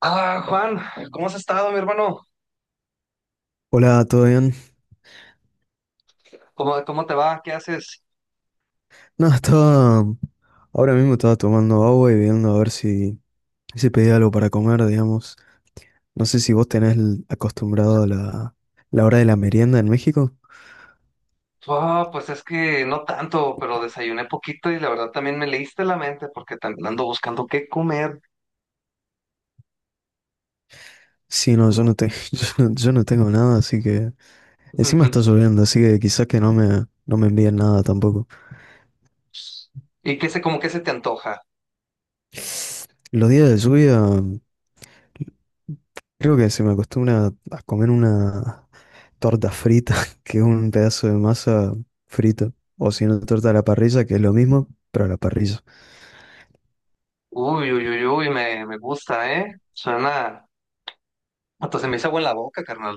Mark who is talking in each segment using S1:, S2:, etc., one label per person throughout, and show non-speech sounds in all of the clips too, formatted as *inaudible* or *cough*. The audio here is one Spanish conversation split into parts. S1: Ah, Juan, ¿cómo has estado, mi hermano?
S2: Hola, ¿todo bien?
S1: ¿Cómo dices?
S2: No, estaba. Ahora mismo estaba tomando agua y viendo a ver si pedía algo para comer, digamos. No sé si vos tenés el- acostumbrado a la hora de la merienda en México.
S1: Ah, pues es que no tanto, pero desayuné poquito y la verdad también me leíste la mente porque también ando buscando qué comer.
S2: Sí, no, yo no, te- *laughs* yo no tengo nada, así que. Encima está
S1: *laughs*
S2: lloviendo, así que quizás que no me envíen nada tampoco.
S1: ¿Y qué se, como que se te antoja?
S2: Los días de lluvia, creo que se me acostumbra a comer una. Torta frita, *laughs* que es un pedazo de masa frito, o si no, torta a la parrilla, que es lo mismo, pero a la parrilla.
S1: Uy, uy, uy, uy, me gusta, ¿eh? Suena, hasta se me hizo agua en la boca, carnal.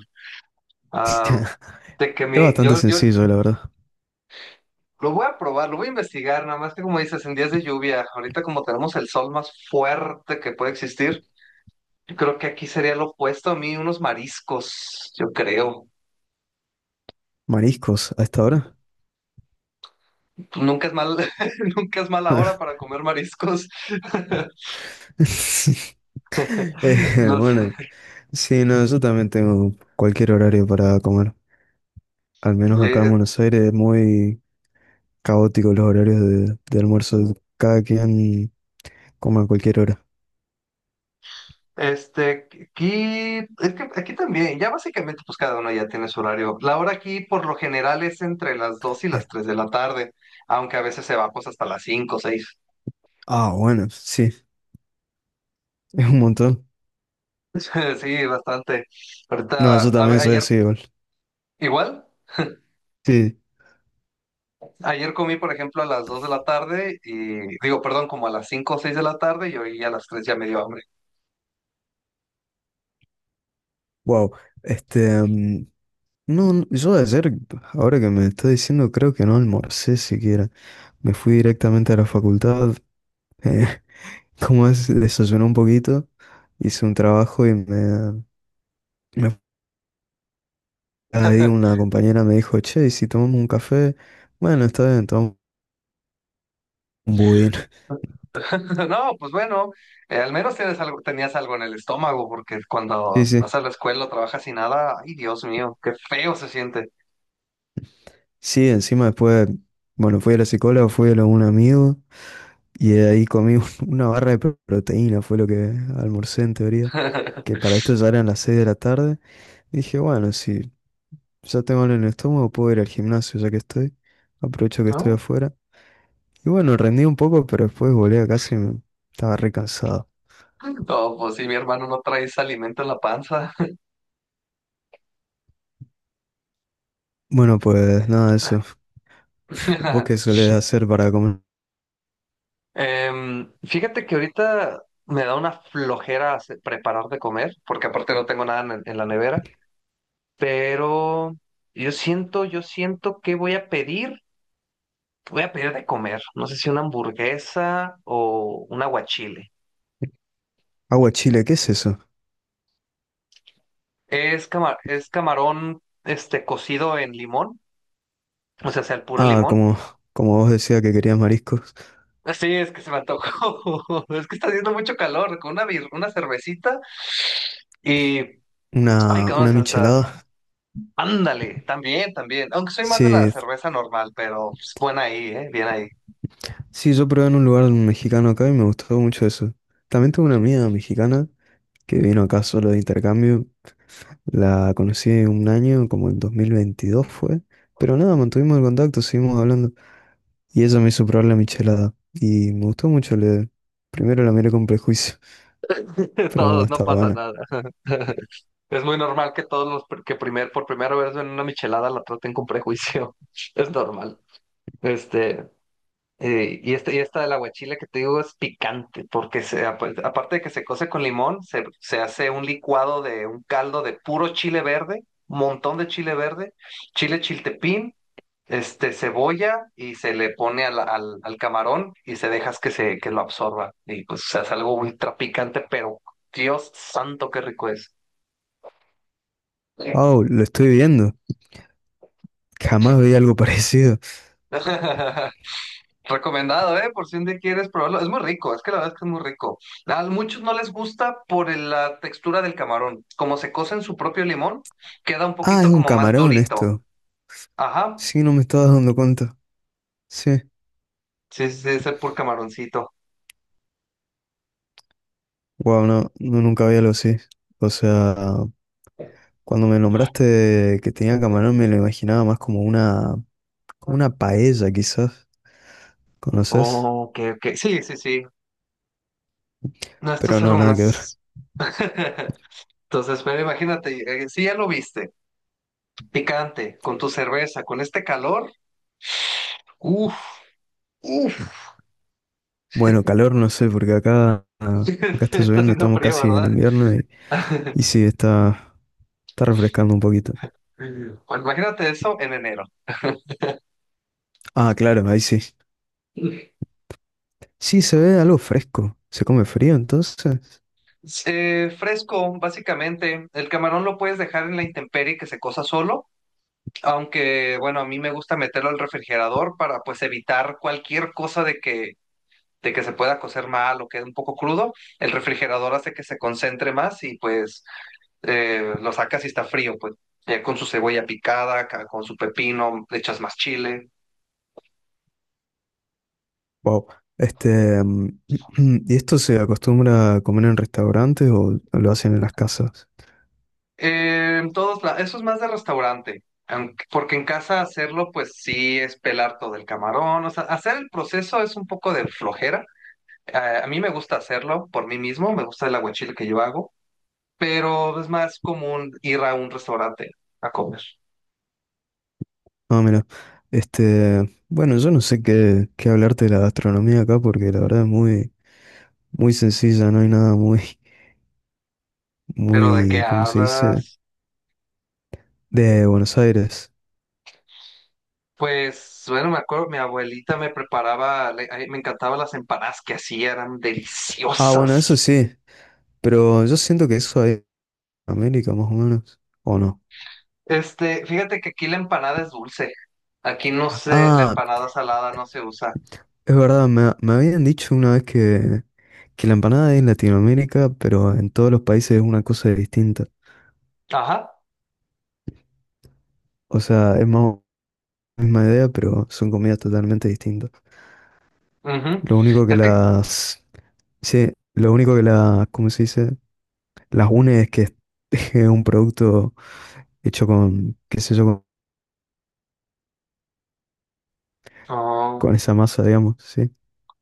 S1: Ah, de
S2: *laughs*
S1: que
S2: Es
S1: mi,
S2: bastante
S1: yo
S2: sencillo, la verdad.
S1: lo voy a probar, lo voy a investigar, nada más que como dices, en días de lluvia, ahorita como tenemos el sol más fuerte que puede existir. Yo creo que aquí sería lo opuesto a mí, unos mariscos, yo creo.
S2: Mariscos, a esta hora. *laughs*
S1: Pues nunca es mal, *laughs* nunca es mala hora para comer mariscos. *laughs* No sé.
S2: Bueno, sí, no, yo también tengo cualquier horario para comer. Al menos acá en
S1: Eh,
S2: Buenos Aires es muy caótico los horarios de almuerzo. Cada quien come a cualquier hora.
S1: Este, aquí, es que aquí también, ya básicamente, pues cada uno ya tiene su horario. La hora aquí, por lo general, es entre las 2 y las 3 de la tarde, aunque a veces se va pues hasta las cinco o 6.
S2: Ah, bueno, sí, *laughs* es un montón.
S1: *laughs* Sí, bastante.
S2: No,
S1: Ahorita,
S2: yo
S1: a ver,
S2: también soy
S1: ayer,
S2: así igual.
S1: igual.
S2: Sí,
S1: Ayer comí, por ejemplo, a las 2 de la tarde y digo, perdón, como a las 5 o 6 de la tarde y hoy a las tres ya me dio hambre.
S2: wow. Este, mm, No, no, yo ayer, ahora que me está diciendo, creo que no almorcé siquiera. Me fui directamente a la facultad, eh, *laughs* como es, desayuné un poquito, hice un trabajo y me ahí una compañera me dijo, che, ¿y si tomamos un café? Bueno, está bien, tomamos un budín. *laughs*
S1: *laughs* No, pues bueno, al menos tienes algo, tenías algo en el estómago porque
S2: Sí,
S1: cuando vas
S2: sí.
S1: a la escuela, o trabajas sin nada, ay Dios mío, qué feo se siente.
S2: Sí, encima después, bueno, fui a la psicóloga, fui a lo de un amigo y ahí *laughs* una barra de proteína, fue lo que almorcé en teoría, que
S1: *laughs*
S2: para esto ya eran las 6 de la tarde. Dije, bueno, si ya tengo en el estómago, puedo ir al gimnasio ya que estoy. Aprovecho que estoy
S1: ¿No?
S2: afuera. Y bueno, rendí un poco, pero después volé a casa y me... estaba re cansado.
S1: No, pues sí, mi hermano no traes alimento en la panza.
S2: Bueno, pues nada, eso. *laughs* ¿Vos qué solés
S1: *laughs*
S2: hacer para comer?
S1: Fíjate que ahorita me da una flojera preparar de comer porque aparte no tengo nada en la nevera. Pero yo siento que voy a pedir de comer. No sé si una hamburguesa o un aguachile.
S2: Agua chile, ¿qué es eso?
S1: Es es camarón, este, cocido en limón, o sea, sea el puro
S2: Ah,
S1: limón.
S2: como, como vos decías que querías mariscos.
S1: Sí, es que se me antojó. *laughs* Es que está haciendo mucho calor, con una, una cervecita y, ay,
S2: Una
S1: vamos hasta,
S2: michelada.
S1: ándale, también, también. Aunque soy más de la
S2: Sí,
S1: cerveza normal, pero es buena ahí, bien ahí.
S2: sí, yo probé en un lugar mexicano acá y me gustó mucho eso. También tuve una amiga mexicana que vino acá solo de intercambio. La conocí un año, como en 2022 fue. Pero nada, mantuvimos el contacto, seguimos hablando. Y ella me hizo probar la michelada. Y me gustó mucho. Le... Primero la miré con prejuicio, *laughs*
S1: *laughs*
S2: pero no,
S1: Todos, no
S2: estaba
S1: pasa
S2: buena.
S1: nada. *laughs* Es muy normal que todos que por primera vez ven una michelada la traten con prejuicio. *laughs* Es normal. Este, y, este, y esta del aguachile que te digo es picante, porque se, aparte de que se cose con limón, se hace un licuado de un caldo de puro chile verde, montón de chile verde, chile chiltepín, este, cebolla, y se le pone al camarón y se dejas que, se, que lo absorba. Y pues se hace algo ultra picante, pero Dios santo, qué rico es. Sí.
S2: Wow, lo estoy viendo. Jamás veía algo *laughs* parecido.
S1: *laughs* Recomendado, ¿eh? Por si un día quieres probarlo. Es muy rico, es que la verdad es que es muy rico. A muchos no les gusta por la textura del camarón. Como se cose en su propio limón, queda un
S2: Ah, es
S1: poquito
S2: un
S1: como más
S2: camarón
S1: durito.
S2: esto.
S1: Ajá.
S2: Sí, no me estaba dando cuenta. Sí.
S1: Sí, sí, sí, es el pur camaroncito.
S2: Wow, no, no, nunca había algo así. O sea, cuando me nombraste que tenía camarón, me lo imaginaba más como una, como una paella quizás, ¿conoces?
S1: Oh, ok, ok. Sí, sí, sí. No, esto
S2: Pero
S1: es
S2: no,
S1: algo
S2: nada que ver.
S1: más. *laughs* Entonces, pero imagínate, si ya lo viste, picante, con tu cerveza, con este calor. Uf, uf.
S2: Bueno, calor no sé, porque acá
S1: *laughs*
S2: está
S1: Está
S2: lloviendo,
S1: haciendo
S2: estamos
S1: frío,
S2: casi en
S1: ¿verdad?
S2: invierno y
S1: *laughs*
S2: sí, está, está refrescando un poquito.
S1: Bueno, imagínate eso en enero.
S2: Ah, claro, ahí sí. Sí, se ve algo fresco. ¿Se come frío entonces?
S1: Fresco, básicamente. El camarón lo puedes dejar en la intemperie que se cosa solo, aunque bueno, a mí me gusta meterlo al refrigerador para pues evitar cualquier cosa de que se pueda cocer mal o quede un poco crudo. El refrigerador hace que se concentre más y pues lo sacas y está frío, pues ya con su cebolla picada, con su pepino, le echas más chile.
S2: Wow. Este, mm, *clears throat* ¿Y esto se acostumbra a comer en restaurantes o lo hacen en las casas?
S1: En todos lados, eso es más de restaurante, aunque- porque en casa hacerlo, pues sí es pelar todo el camarón, o sea, hacer el proceso es un poco de flojera. Eh, a mí me gusta hacerlo por mí mismo, me gusta el aguachile que yo hago, pero es más común ir a un restaurante a comer.
S2: Ah, mira. Este, bueno, yo no sé qué hablarte de la gastronomía acá porque la verdad es muy, muy sencilla, no hay nada muy
S1: ¿Pero de qué
S2: muy, ¿cómo se dice?
S1: hablas?
S2: De Buenos Aires.
S1: Pues, bueno, me acuerdo, mi abuelita me preparaba, a mí me encantaban las empanadas que hacía, eran
S2: Ah, bueno, eso
S1: deliciosas.
S2: sí, pero yo siento que eso hay en América, más o menos, ¿o no?
S1: Este, fíjate que aquí la empanada es dulce. Aquí no sé, la
S2: Ah,
S1: empanada salada no se usa.
S2: es verdad, me habían dicho una vez que la empanada es en Latinoamérica, pero en todos los países es una cosa distinta.
S1: Ajá.
S2: O sea, es más o menos la misma idea, pero son comidas totalmente distintas.
S1: Ujú.
S2: Lo único que
S1: Es que,
S2: las... Sí, lo único que las, ¿cómo se dice? Las une es que es *laughs* es un producto hecho con, qué sé yo,
S1: oh,
S2: con esa masa, digamos, ¿sí?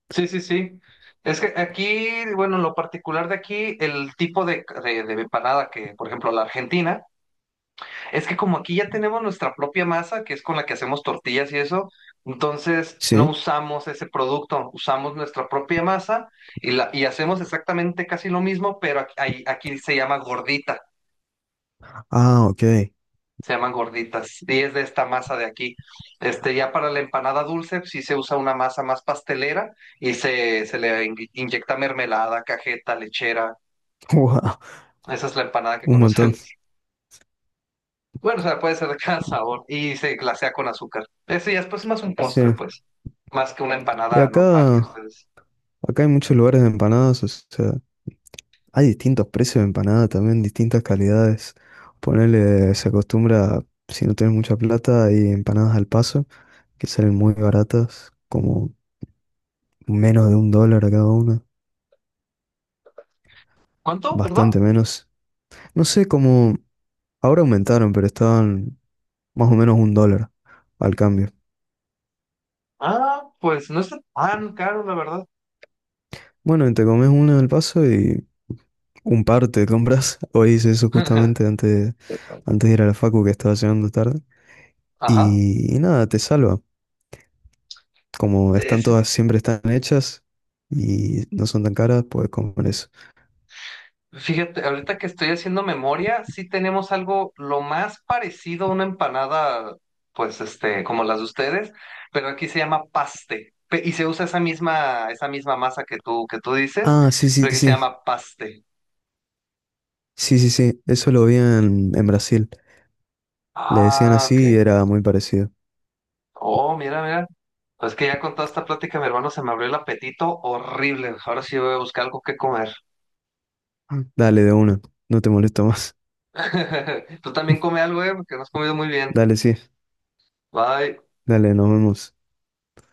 S1: sí, sí, sí. Es que aquí, bueno, lo particular de aquí, el tipo de empanada que, por ejemplo, la Argentina, es que como aquí ya tenemos nuestra propia masa, que es con la que hacemos tortillas y eso, entonces no
S2: Sí.
S1: usamos ese producto, usamos nuestra propia masa y, la, y hacemos exactamente casi lo mismo, pero aquí, aquí se llama gordita.
S2: Ah, ok.
S1: Se llaman gorditas, y es de esta masa de aquí. Este, ya para la empanada dulce, pues, sí se usa una masa más pastelera y se le inyecta mermelada, cajeta, lechera.
S2: *laughs* Wow,
S1: Esa es la empanada que
S2: un montón.
S1: conocemos. *laughs* Bueno, o sea, puede ser de cada sabor y se glasea con azúcar. Ese ya es pues más un postre,
S2: Sí.
S1: pues, más que una
S2: Y
S1: empanada normal que
S2: acá,
S1: ustedes.
S2: acá hay muchos lugares de empanadas, o sea, hay distintos precios de empanada también, distintas calidades. Ponerle, se acostumbra, si no tienes mucha plata, hay empanadas al paso, que salen muy baratas, como menos de un dólar a cada una,
S1: ¿Cuánto? ¿Perdón?
S2: bastante menos. No sé cómo, ahora aumentaron, pero estaban más o menos un dólar al cambio.
S1: Ah, pues no está tan caro, la verdad.
S2: Bueno, y te comes una al paso y un par te compras. *laughs* Hoy hice eso justamente
S1: *laughs*
S2: antes de ir a la facu que estaba llegando tarde.
S1: Ajá.
S2: Y nada, te salva. Como están
S1: Es-
S2: todas, siempre están hechas y no son tan caras, puedes comer eso.
S1: Fíjate, ahorita que estoy haciendo memoria, sí tenemos algo lo más parecido a una empanada, pues este, como las de ustedes, pero aquí se llama paste. Y se usa esa misma masa que tú dices,
S2: Ah, sí, sí,
S1: pero aquí se
S2: sí.
S1: llama paste.
S2: Sí, sí, sí. Eso lo vi en Brasil. Le decían
S1: Ah, ok.
S2: así y era muy parecido.
S1: Oh, mira, mira. Pues que ya con toda esta plática, mi hermano, se me abrió el apetito horrible. Ahora sí voy a buscar algo que comer.
S2: Ah. Dale, de una. No te molesto más.
S1: *laughs* Tú también come algo, porque no has comido muy bien.
S2: *laughs* Dale, sí.
S1: Bye.
S2: Dale, nos vemos.